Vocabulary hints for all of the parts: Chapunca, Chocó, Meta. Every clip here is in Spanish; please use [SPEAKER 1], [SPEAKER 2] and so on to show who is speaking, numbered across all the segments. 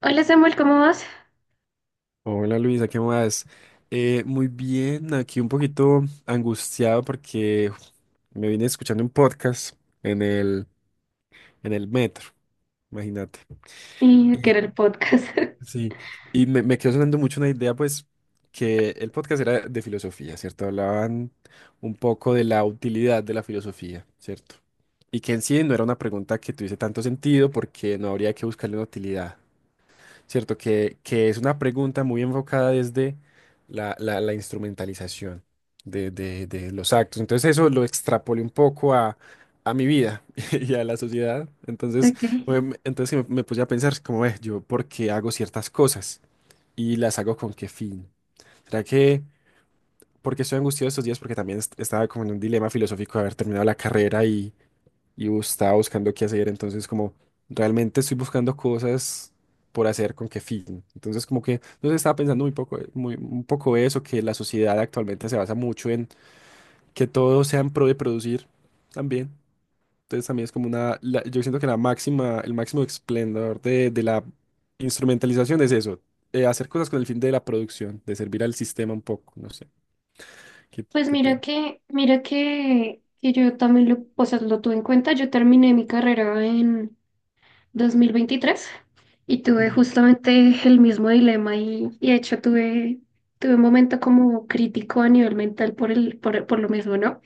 [SPEAKER 1] Hola Samuel, ¿cómo vas?
[SPEAKER 2] Hola Luisa, ¿qué más? Muy bien, aquí un poquito angustiado porque uf, me vine escuchando un podcast en el, en el metro, imagínate.
[SPEAKER 1] Y que
[SPEAKER 2] Y
[SPEAKER 1] era el podcast.
[SPEAKER 2] sí, y me quedó sonando mucho una idea, pues, que el podcast era de filosofía, ¿cierto? Hablaban un poco de la utilidad de la filosofía, ¿cierto? Y que en sí no era una pregunta que tuviese tanto sentido porque no habría que buscarle una utilidad. ¿Cierto? Que es una pregunta muy enfocada desde la instrumentalización de los actos. Entonces eso lo extrapolé un poco a mi vida y a la sociedad. Entonces,
[SPEAKER 1] Ok.
[SPEAKER 2] sí me puse a pensar como, "Ve, yo, ¿por qué hago ciertas cosas? ¿Y las hago con qué fin? ¿Será que porque estoy angustiado estos días? Porque también estaba como en un dilema filosófico de haber terminado la carrera y estaba buscando qué hacer, entonces como realmente estoy buscando cosas por hacer con qué fin. Entonces como que, no sé, estaba pensando muy poco, un poco eso, que la sociedad actualmente se basa mucho en que todo sea en pro de producir también. Entonces también es como yo siento que la máxima, el máximo esplendor de la instrumentalización es eso, hacer cosas con el fin de la producción, de servir al sistema un poco, no sé, qué,
[SPEAKER 1] Pues
[SPEAKER 2] qué
[SPEAKER 1] mira
[SPEAKER 2] piensas?
[SPEAKER 1] que, mira que yo también lo, o sea, lo tuve en cuenta. Yo terminé mi carrera en 2023 y tuve
[SPEAKER 2] Ujú,
[SPEAKER 1] justamente el mismo dilema y de hecho tuve un momento como crítico a nivel mental por lo mismo, ¿no?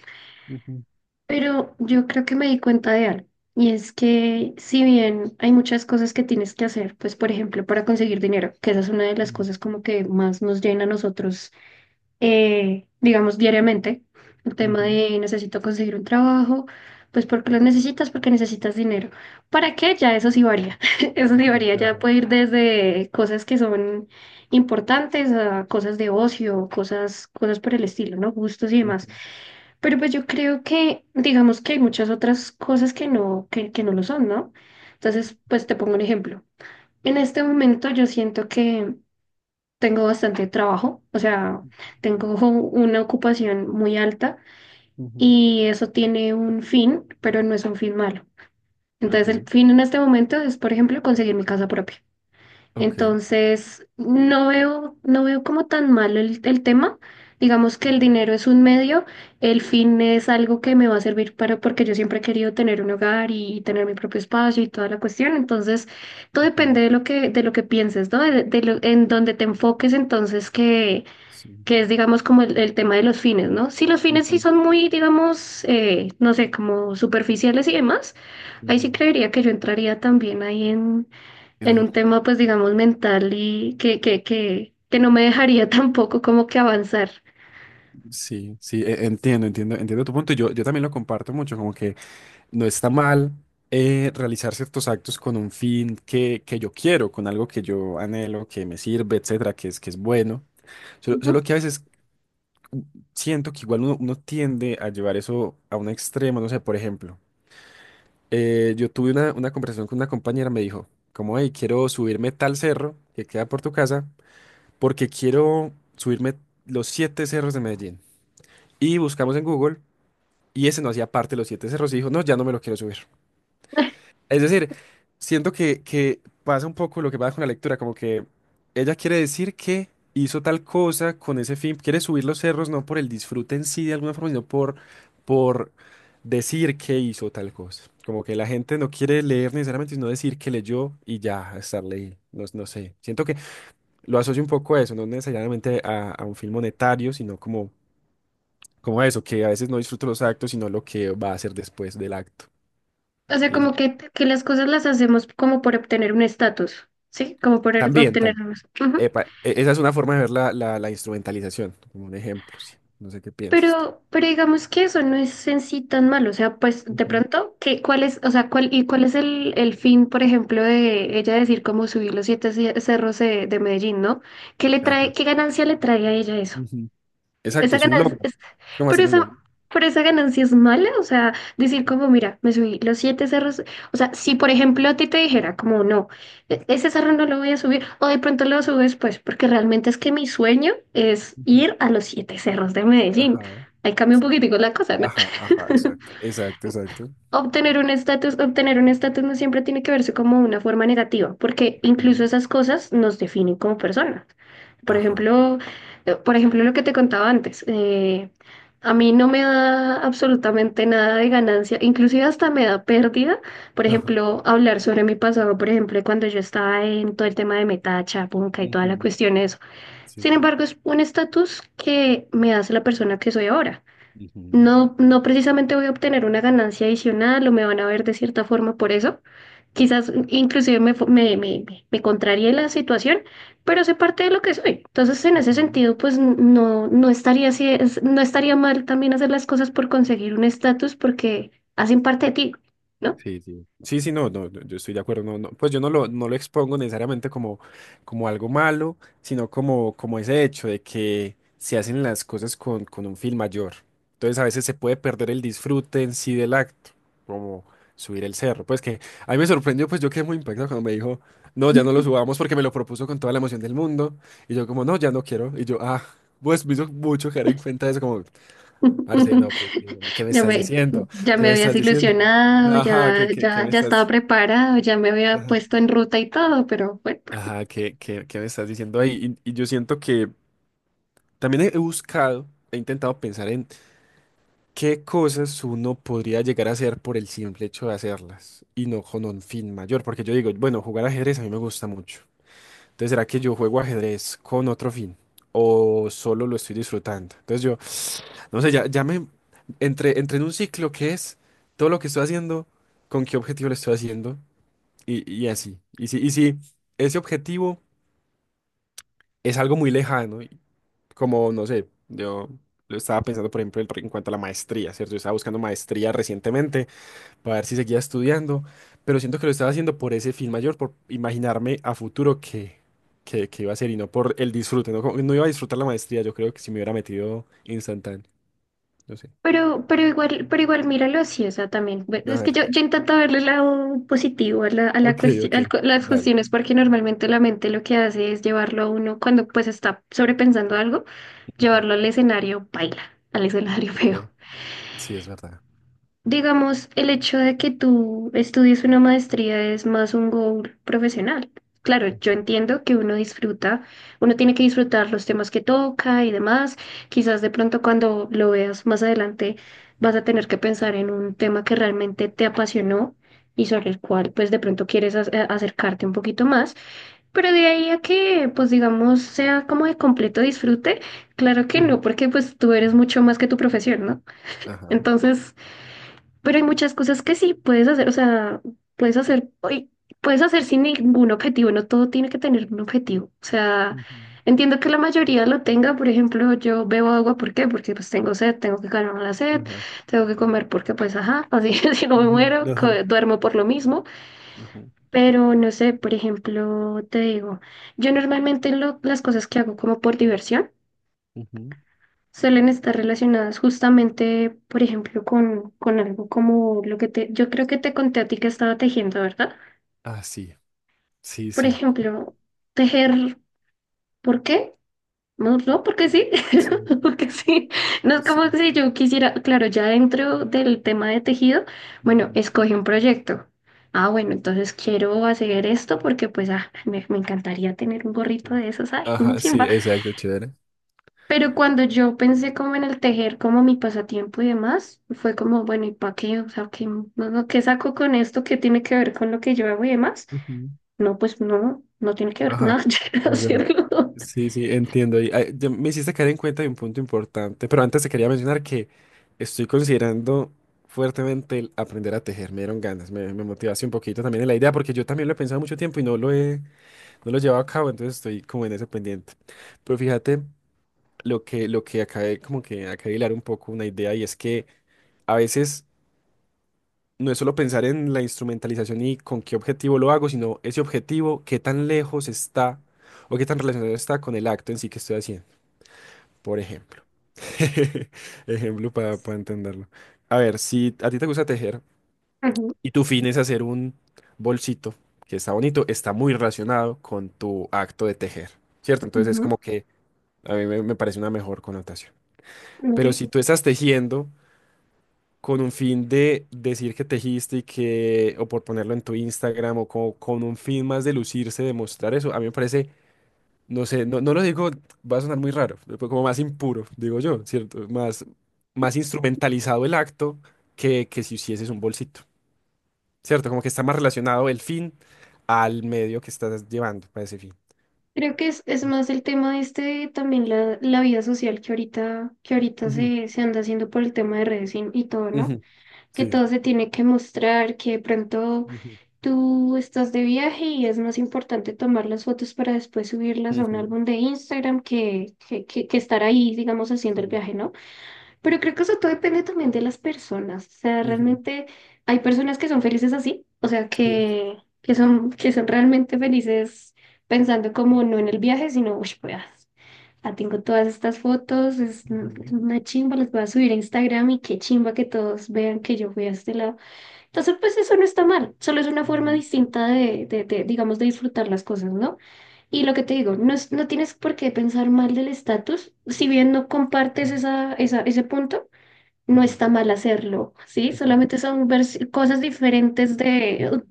[SPEAKER 2] ujú,
[SPEAKER 1] Pero yo creo que me di cuenta de algo, y es que si bien hay muchas cosas que tienes que hacer, pues por ejemplo para conseguir dinero, que esa es una de las
[SPEAKER 2] ujú,
[SPEAKER 1] cosas como que más nos llena a nosotros, digamos diariamente, el tema
[SPEAKER 2] ujú,
[SPEAKER 1] de necesito conseguir un trabajo, pues porque lo necesitas, porque necesitas dinero. ¿Para qué? Ya eso sí varía, eso sí
[SPEAKER 2] ujú,
[SPEAKER 1] varía, ya
[SPEAKER 2] ajá.
[SPEAKER 1] puede ir desde cosas que son importantes a cosas de ocio, cosas por el estilo, ¿no? Gustos y demás.
[SPEAKER 2] Ujú,
[SPEAKER 1] Pero pues yo creo que, digamos que hay muchas otras cosas que no, que no lo son, ¿no? Entonces, pues te pongo un ejemplo. En este momento yo siento que tengo bastante trabajo, o sea, tengo una ocupación muy alta
[SPEAKER 2] ujú.
[SPEAKER 1] y eso tiene un fin, pero no es un fin malo. Entonces, el
[SPEAKER 2] Ok.
[SPEAKER 1] fin en este momento es, por ejemplo, conseguir mi casa propia.
[SPEAKER 2] Ok.
[SPEAKER 1] Entonces, no veo como tan malo el tema. Digamos que el dinero es un medio, el fin es algo que me va a servir para, porque yo siempre he querido tener un hogar y tener mi propio espacio y toda la cuestión. Entonces, todo
[SPEAKER 2] Ujú,
[SPEAKER 1] depende de lo que pienses, ¿no? En donde te enfoques, entonces,
[SPEAKER 2] sí.
[SPEAKER 1] que es, digamos, como el tema de los fines, ¿no? Si los fines sí
[SPEAKER 2] Ujú,
[SPEAKER 1] son muy, digamos, no sé, como superficiales y demás, ahí sí
[SPEAKER 2] ujú.
[SPEAKER 1] creería que yo entraría también ahí en
[SPEAKER 2] Entiendo.
[SPEAKER 1] un tema, pues digamos, mental y que no me dejaría tampoco como que avanzar.
[SPEAKER 2] Sí, sí, entiendo tu punto. Yo también lo comparto mucho, como que no está mal realizar ciertos actos con un fin que yo quiero, con algo que yo anhelo, que me sirve, etcétera, que es bueno. Solo,
[SPEAKER 1] Ujú.
[SPEAKER 2] solo que a veces mm, siento que igual uno tiende a llevar eso a un extremo, no sé, por ejemplo, yo tuve una conversación con una compañera, me dijo, como, hey, quiero subirme tal cerro que queda por tu casa, porque quiero subirme los siete cerros de Medellín. Y buscamos en Google y ese no hacía parte de los siete cerros y dijo, no, ya no me lo quiero subir. Es decir, siento que pasa un poco lo que pasa con la lectura, como que ella quiere decir que hizo tal cosa con ese fin, quiere subir los cerros no por el disfrute en sí de alguna forma, sino por decir que hizo tal cosa. Como que la gente no quiere leer necesariamente, sino decir que leyó y ya estar leyendo. No, no sé. Siento que lo asocio un poco a eso, no necesariamente a un fin monetario, sino como, a eso, que a veces no disfruto los actos, sino lo que va a hacer después del acto.
[SPEAKER 1] O sea,
[SPEAKER 2] Y eso.
[SPEAKER 1] que las cosas las hacemos como por obtener un estatus, ¿sí? Como por er-
[SPEAKER 2] También,
[SPEAKER 1] obtener
[SPEAKER 2] también.
[SPEAKER 1] unos- ujú.
[SPEAKER 2] Esa es una forma de ver la instrumentalización, como un ejemplo, sí. No sé qué piensas tú.
[SPEAKER 1] Pero digamos que eso no es en sí tan malo. O sea, pues de
[SPEAKER 2] Ujú,
[SPEAKER 1] pronto, ¿qué, cuál es, o sea, cuál, y cuál es el fin, por ejemplo, de ella decir cómo subir los siete ce- cerros de Medellín, ¿no? ¿Qué le trae,
[SPEAKER 2] ajá.
[SPEAKER 1] qué ganancia le trae a ella eso?
[SPEAKER 2] Ujú. Exacto,
[SPEAKER 1] Esa
[SPEAKER 2] es un
[SPEAKER 1] ganancia
[SPEAKER 2] logro.
[SPEAKER 1] es-
[SPEAKER 2] Es como
[SPEAKER 1] pero
[SPEAKER 2] hacer un
[SPEAKER 1] esa,
[SPEAKER 2] logro.
[SPEAKER 1] pero esa ganancia es mala, o sea, decir como, mira, me subí los siete cerros, o sea, si por ejemplo a ti te dijera como, no, e- ese cerro no lo voy a subir, o de pronto lo subo después, porque realmente es que mi sueño es
[SPEAKER 2] Ujú.
[SPEAKER 1] ir a los siete cerros de Medellín.
[SPEAKER 2] Ajá,
[SPEAKER 1] Ahí cambia un poquitico la cosa, ¿no?
[SPEAKER 2] ajá, ajá, exacto. Exacto, exacto.
[SPEAKER 1] Obtener un estatus no siempre tiene que verse como una forma negativa, porque incluso
[SPEAKER 2] Ujú,
[SPEAKER 1] esas cosas nos definen como personas. Por
[SPEAKER 2] ajá,
[SPEAKER 1] ejemplo, lo que te contaba antes, a mí no me da absolutamente nada de ganancia, inclusive hasta me da pérdida. Por
[SPEAKER 2] ajá.
[SPEAKER 1] ejemplo, hablar sobre mi pasado, por ejemplo, cuando yo estaba en todo el tema de Meta, Chapunca y toda la
[SPEAKER 2] Ujú,
[SPEAKER 1] cuestión de eso.
[SPEAKER 2] sí.
[SPEAKER 1] Sin embargo, es un estatus que me hace la persona que soy ahora.
[SPEAKER 2] Ujú,
[SPEAKER 1] No, no precisamente voy a obtener una ganancia adicional o me van a ver de cierta forma por eso. Quizás inclusive me, fu- me contraríe la situación, pero sé parte de lo que soy. Entonces, en ese
[SPEAKER 2] ujú.
[SPEAKER 1] sentido, pues n- no, no estaría así, es- no estaría mal también hacer las cosas por conseguir un estatus porque hacen parte de ti, ¿no?
[SPEAKER 2] Sí, sí. Sí, sí, no, no, no, yo estoy de acuerdo. No, pues yo no lo expongo necesariamente como, como, algo malo, sino como ese hecho de que se hacen las cosas con un fin mayor. Entonces a veces se puede perder el disfrute en sí del acto, como subir el cerro. Pues que a mí me sorprendió, pues yo quedé muy impactado cuando me dijo, no, ya no lo subamos porque me lo propuso con toda la emoción del mundo. Y yo como, no, ya no quiero. Y yo, ah, pues me hizo mucho caer en cuenta de eso, como, parce, no, ¿qué me
[SPEAKER 1] Ya
[SPEAKER 2] estás
[SPEAKER 1] me,
[SPEAKER 2] diciendo?
[SPEAKER 1] ya
[SPEAKER 2] ¿Qué
[SPEAKER 1] me
[SPEAKER 2] me
[SPEAKER 1] habías
[SPEAKER 2] estás diciendo?
[SPEAKER 1] ilusionado,
[SPEAKER 2] Ajá, ¿qué me
[SPEAKER 1] ya estaba
[SPEAKER 2] estás...
[SPEAKER 1] preparado, ya me había
[SPEAKER 2] Ajá.
[SPEAKER 1] puesto en ruta y todo, pero bueno.
[SPEAKER 2] Ajá, ¿qué me estás diciendo ahí? Y yo siento que también he buscado, he intentado pensar en qué cosas uno podría llegar a hacer por el simple hecho de hacerlas y no con un fin mayor. Porque yo digo, bueno, jugar ajedrez a mí me gusta mucho. Entonces, ¿será que yo juego ajedrez con otro fin? ¿O solo lo estoy disfrutando? Entonces yo... No sé, ya me entré en un ciclo que es todo lo que estoy haciendo, con qué objetivo lo estoy haciendo y así. Y si ese objetivo es algo muy lejano, y como no sé, yo lo estaba pensando, por ejemplo, en cuanto a la maestría, ¿cierto? Yo estaba buscando maestría recientemente para ver si seguía estudiando, pero siento que lo estaba haciendo por ese fin mayor, por imaginarme a futuro que iba a ser y no por el disfrute, ¿no? Que no iba a disfrutar la maestría, yo creo que si me hubiera metido instantáneo, no sé.
[SPEAKER 1] Pero igual míralo así, o sea, también. Bueno,
[SPEAKER 2] A
[SPEAKER 1] es que
[SPEAKER 2] ver.
[SPEAKER 1] yo intento verle el lado positivo a la
[SPEAKER 2] Ok,
[SPEAKER 1] cuestión,
[SPEAKER 2] ok,
[SPEAKER 1] las
[SPEAKER 2] dale.
[SPEAKER 1] cuestiones, porque normalmente la mente lo que hace es llevarlo a uno, cuando pues está sobrepensando algo,
[SPEAKER 2] Ujú,
[SPEAKER 1] llevarlo al escenario baila, al escenario
[SPEAKER 2] ok,
[SPEAKER 1] feo.
[SPEAKER 2] sí, es verdad.
[SPEAKER 1] Digamos, el hecho de que tú estudies una maestría es más un goal profesional. Claro, yo entiendo que uno disfruta, uno tiene que disfrutar los temas que toca y demás. Quizás de pronto cuando lo veas más adelante vas a tener que pensar en un tema que realmente te apasionó y sobre el cual pues de pronto quieres ac- a- acercarte un poquito más. Pero de ahí a que pues digamos sea como de completo disfrute, claro que
[SPEAKER 2] Ujú,
[SPEAKER 1] no, porque pues tú eres mucho más que tu profesión, ¿no?
[SPEAKER 2] ajá.
[SPEAKER 1] Entonces, pero hay muchas cosas que sí puedes hacer, o sea, puedes hacer, uy, puedes hacer sin ningún objetivo, no todo tiene que tener un objetivo. O sea,
[SPEAKER 2] Ujú,
[SPEAKER 1] entiendo que la mayoría lo tenga, por ejemplo, yo bebo agua, ¿por qué? Porque pues tengo sed, tengo que calmar la sed,
[SPEAKER 2] ajá.
[SPEAKER 1] tengo que comer porque pues ajá, así si no me
[SPEAKER 2] Ujú,
[SPEAKER 1] muero, co-
[SPEAKER 2] ajá.
[SPEAKER 1] duermo por lo mismo.
[SPEAKER 2] Ujú,
[SPEAKER 1] Pero no sé, por ejemplo, te digo, yo normalmente lo- las cosas que hago como por diversión
[SPEAKER 2] ujú.
[SPEAKER 1] suelen estar relacionadas justamente, por ejemplo, con algo como lo que te, yo creo que te conté a ti que estaba tejiendo, ¿verdad?
[SPEAKER 2] Ah, sí, sí,
[SPEAKER 1] Por
[SPEAKER 2] sí.
[SPEAKER 1] ejemplo, tejer, ¿por qué? No, no, porque sí,
[SPEAKER 2] Sí,
[SPEAKER 1] porque sí. No es como
[SPEAKER 2] sí.
[SPEAKER 1] si yo quisiera, claro, ya dentro del tema de tejido, bueno,
[SPEAKER 2] Ujú,
[SPEAKER 1] escoge un proyecto. Ah, bueno, entonces quiero hacer esto porque pues ah, me encantaría tener un gorrito
[SPEAKER 2] sí.
[SPEAKER 1] de esos, ay, un
[SPEAKER 2] Ajá, sí,
[SPEAKER 1] chimba.
[SPEAKER 2] exacto, chévere.
[SPEAKER 1] Pero cuando yo pensé como en el tejer como mi pasatiempo y demás, fue como, bueno, ¿y para qué? O sea, ¿qué, no, no, ¿qué saco con esto? ¿Qué tiene que ver con lo que yo hago y demás?
[SPEAKER 2] Ujú.
[SPEAKER 1] No, pues no, no tiene que ver con
[SPEAKER 2] Ajá,
[SPEAKER 1] nada, yo quiero
[SPEAKER 2] es verdad.
[SPEAKER 1] hacerlo.
[SPEAKER 2] Sí, sí, entiendo. Y, ay, ya me hiciste caer en cuenta de un punto importante, pero antes te quería mencionar que estoy considerando fuertemente el aprender a tejer. Me dieron ganas, me motivaste un poquito también en la idea, porque yo también lo he pensado mucho tiempo y no lo he, no lo llevo a cabo, entonces estoy como en ese pendiente. Pero fíjate lo que acabé como que acabé de hilar un poco una idea y es que a veces no es solo pensar en la instrumentalización y con qué objetivo lo hago, sino ese objetivo, qué tan lejos está o qué tan relacionado está con el acto en sí que estoy haciendo, por ejemplo. Ejemplo para entenderlo. A ver, si a ti te gusta tejer
[SPEAKER 1] Ujú,
[SPEAKER 2] y tu fin es hacer un bolsito que está bonito, está muy relacionado con tu acto de tejer, ¿cierto? Entonces es como que a mí me parece una mejor connotación.
[SPEAKER 1] ok.
[SPEAKER 2] Pero si tú estás tejiendo con un fin de decir que tejiste y que, o por ponerlo en tu Instagram, o con, un fin más de lucirse, de mostrar eso, a mí me parece, no sé, no, no lo digo, va a sonar muy raro, pero como más impuro, digo yo, ¿cierto? Más instrumentalizado el acto que si hicieses un bolsito, ¿cierto? Como que está más relacionado el fin al medio que estás llevando para ese fin.
[SPEAKER 1] Creo que es más el tema este, de también la vida social que ahorita
[SPEAKER 2] Ujú,
[SPEAKER 1] se, se anda haciendo por el tema de redes y todo, ¿no?
[SPEAKER 2] ujú,
[SPEAKER 1] Que
[SPEAKER 2] sí.
[SPEAKER 1] todo se tiene que mostrar, que de pronto
[SPEAKER 2] Ujú,
[SPEAKER 1] tú estás de viaje y es más importante tomar las fotos para después subirlas a un
[SPEAKER 2] ujú,
[SPEAKER 1] álbum de Instagram que estar ahí, digamos, haciendo el
[SPEAKER 2] sí,
[SPEAKER 1] viaje, ¿no? Pero creo que eso todo depende también de las personas. O sea,
[SPEAKER 2] ujú,
[SPEAKER 1] realmente hay personas que son felices así, o sea,
[SPEAKER 2] sí.
[SPEAKER 1] que, que son realmente felices pensando como no en el viaje, sino, uy, pues, ah, ah, tengo todas estas fotos, es
[SPEAKER 2] Ujú,
[SPEAKER 1] una chimba, las voy a subir a Instagram y qué chimba que todos vean que yo fui a este lado. Entonces, pues eso no está mal, solo es una forma
[SPEAKER 2] ujú,
[SPEAKER 1] distinta de, digamos, de disfrutar las cosas, ¿no? Y lo que te digo, no, es- no tienes por qué pensar mal del estatus, si bien no compartes
[SPEAKER 2] ujú,
[SPEAKER 1] ese punto, no
[SPEAKER 2] ujú,
[SPEAKER 1] está mal hacerlo, ¿sí?
[SPEAKER 2] ujú.
[SPEAKER 1] Solamente son vers- cosas diferentes de,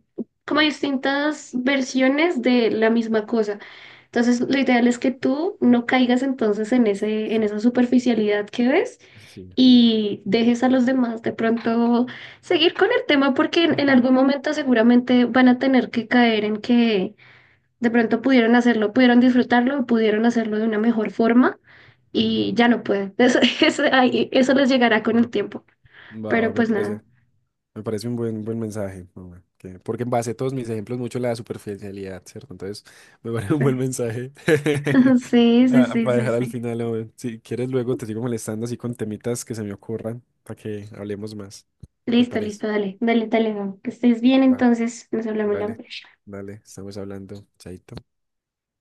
[SPEAKER 1] como distintas versiones de la misma cosa. Entonces, lo ideal es que tú no caigas entonces en ese, en
[SPEAKER 2] Sí,
[SPEAKER 1] esa superficialidad que ves
[SPEAKER 2] sí,
[SPEAKER 1] y dejes a los demás de pronto seguir con el tema porque en
[SPEAKER 2] ujú,
[SPEAKER 1] algún momento seguramente van a tener que caer en que de pronto pudieron hacerlo, pudieron disfrutarlo, pudieron hacerlo de una mejor forma
[SPEAKER 2] sí.
[SPEAKER 1] y ya no pueden. Eso, eso, ahí- eso les llegará con
[SPEAKER 2] Va,
[SPEAKER 1] el tiempo.
[SPEAKER 2] va, va,
[SPEAKER 1] Pero
[SPEAKER 2] me
[SPEAKER 1] pues nada.
[SPEAKER 2] parece, me parece un buen mensaje. Hombre, porque en base a todos mis ejemplos mucho la superficialidad, ¿cierto? Entonces, me parece un buen mensaje
[SPEAKER 1] Sí, sí,
[SPEAKER 2] Ah,
[SPEAKER 1] sí,
[SPEAKER 2] para
[SPEAKER 1] sí,
[SPEAKER 2] dejar al
[SPEAKER 1] sí.
[SPEAKER 2] final. Hombre. Si quieres, luego te sigo molestando así con temitas que se me ocurran para que hablemos más. ¿Te
[SPEAKER 1] Listo,
[SPEAKER 2] parece?
[SPEAKER 1] listo, dale, Gabo. Que estés bien,
[SPEAKER 2] Va,
[SPEAKER 1] entonces nos hablamos la
[SPEAKER 2] dale,
[SPEAKER 1] próxima.
[SPEAKER 2] dale, estamos hablando, chaito.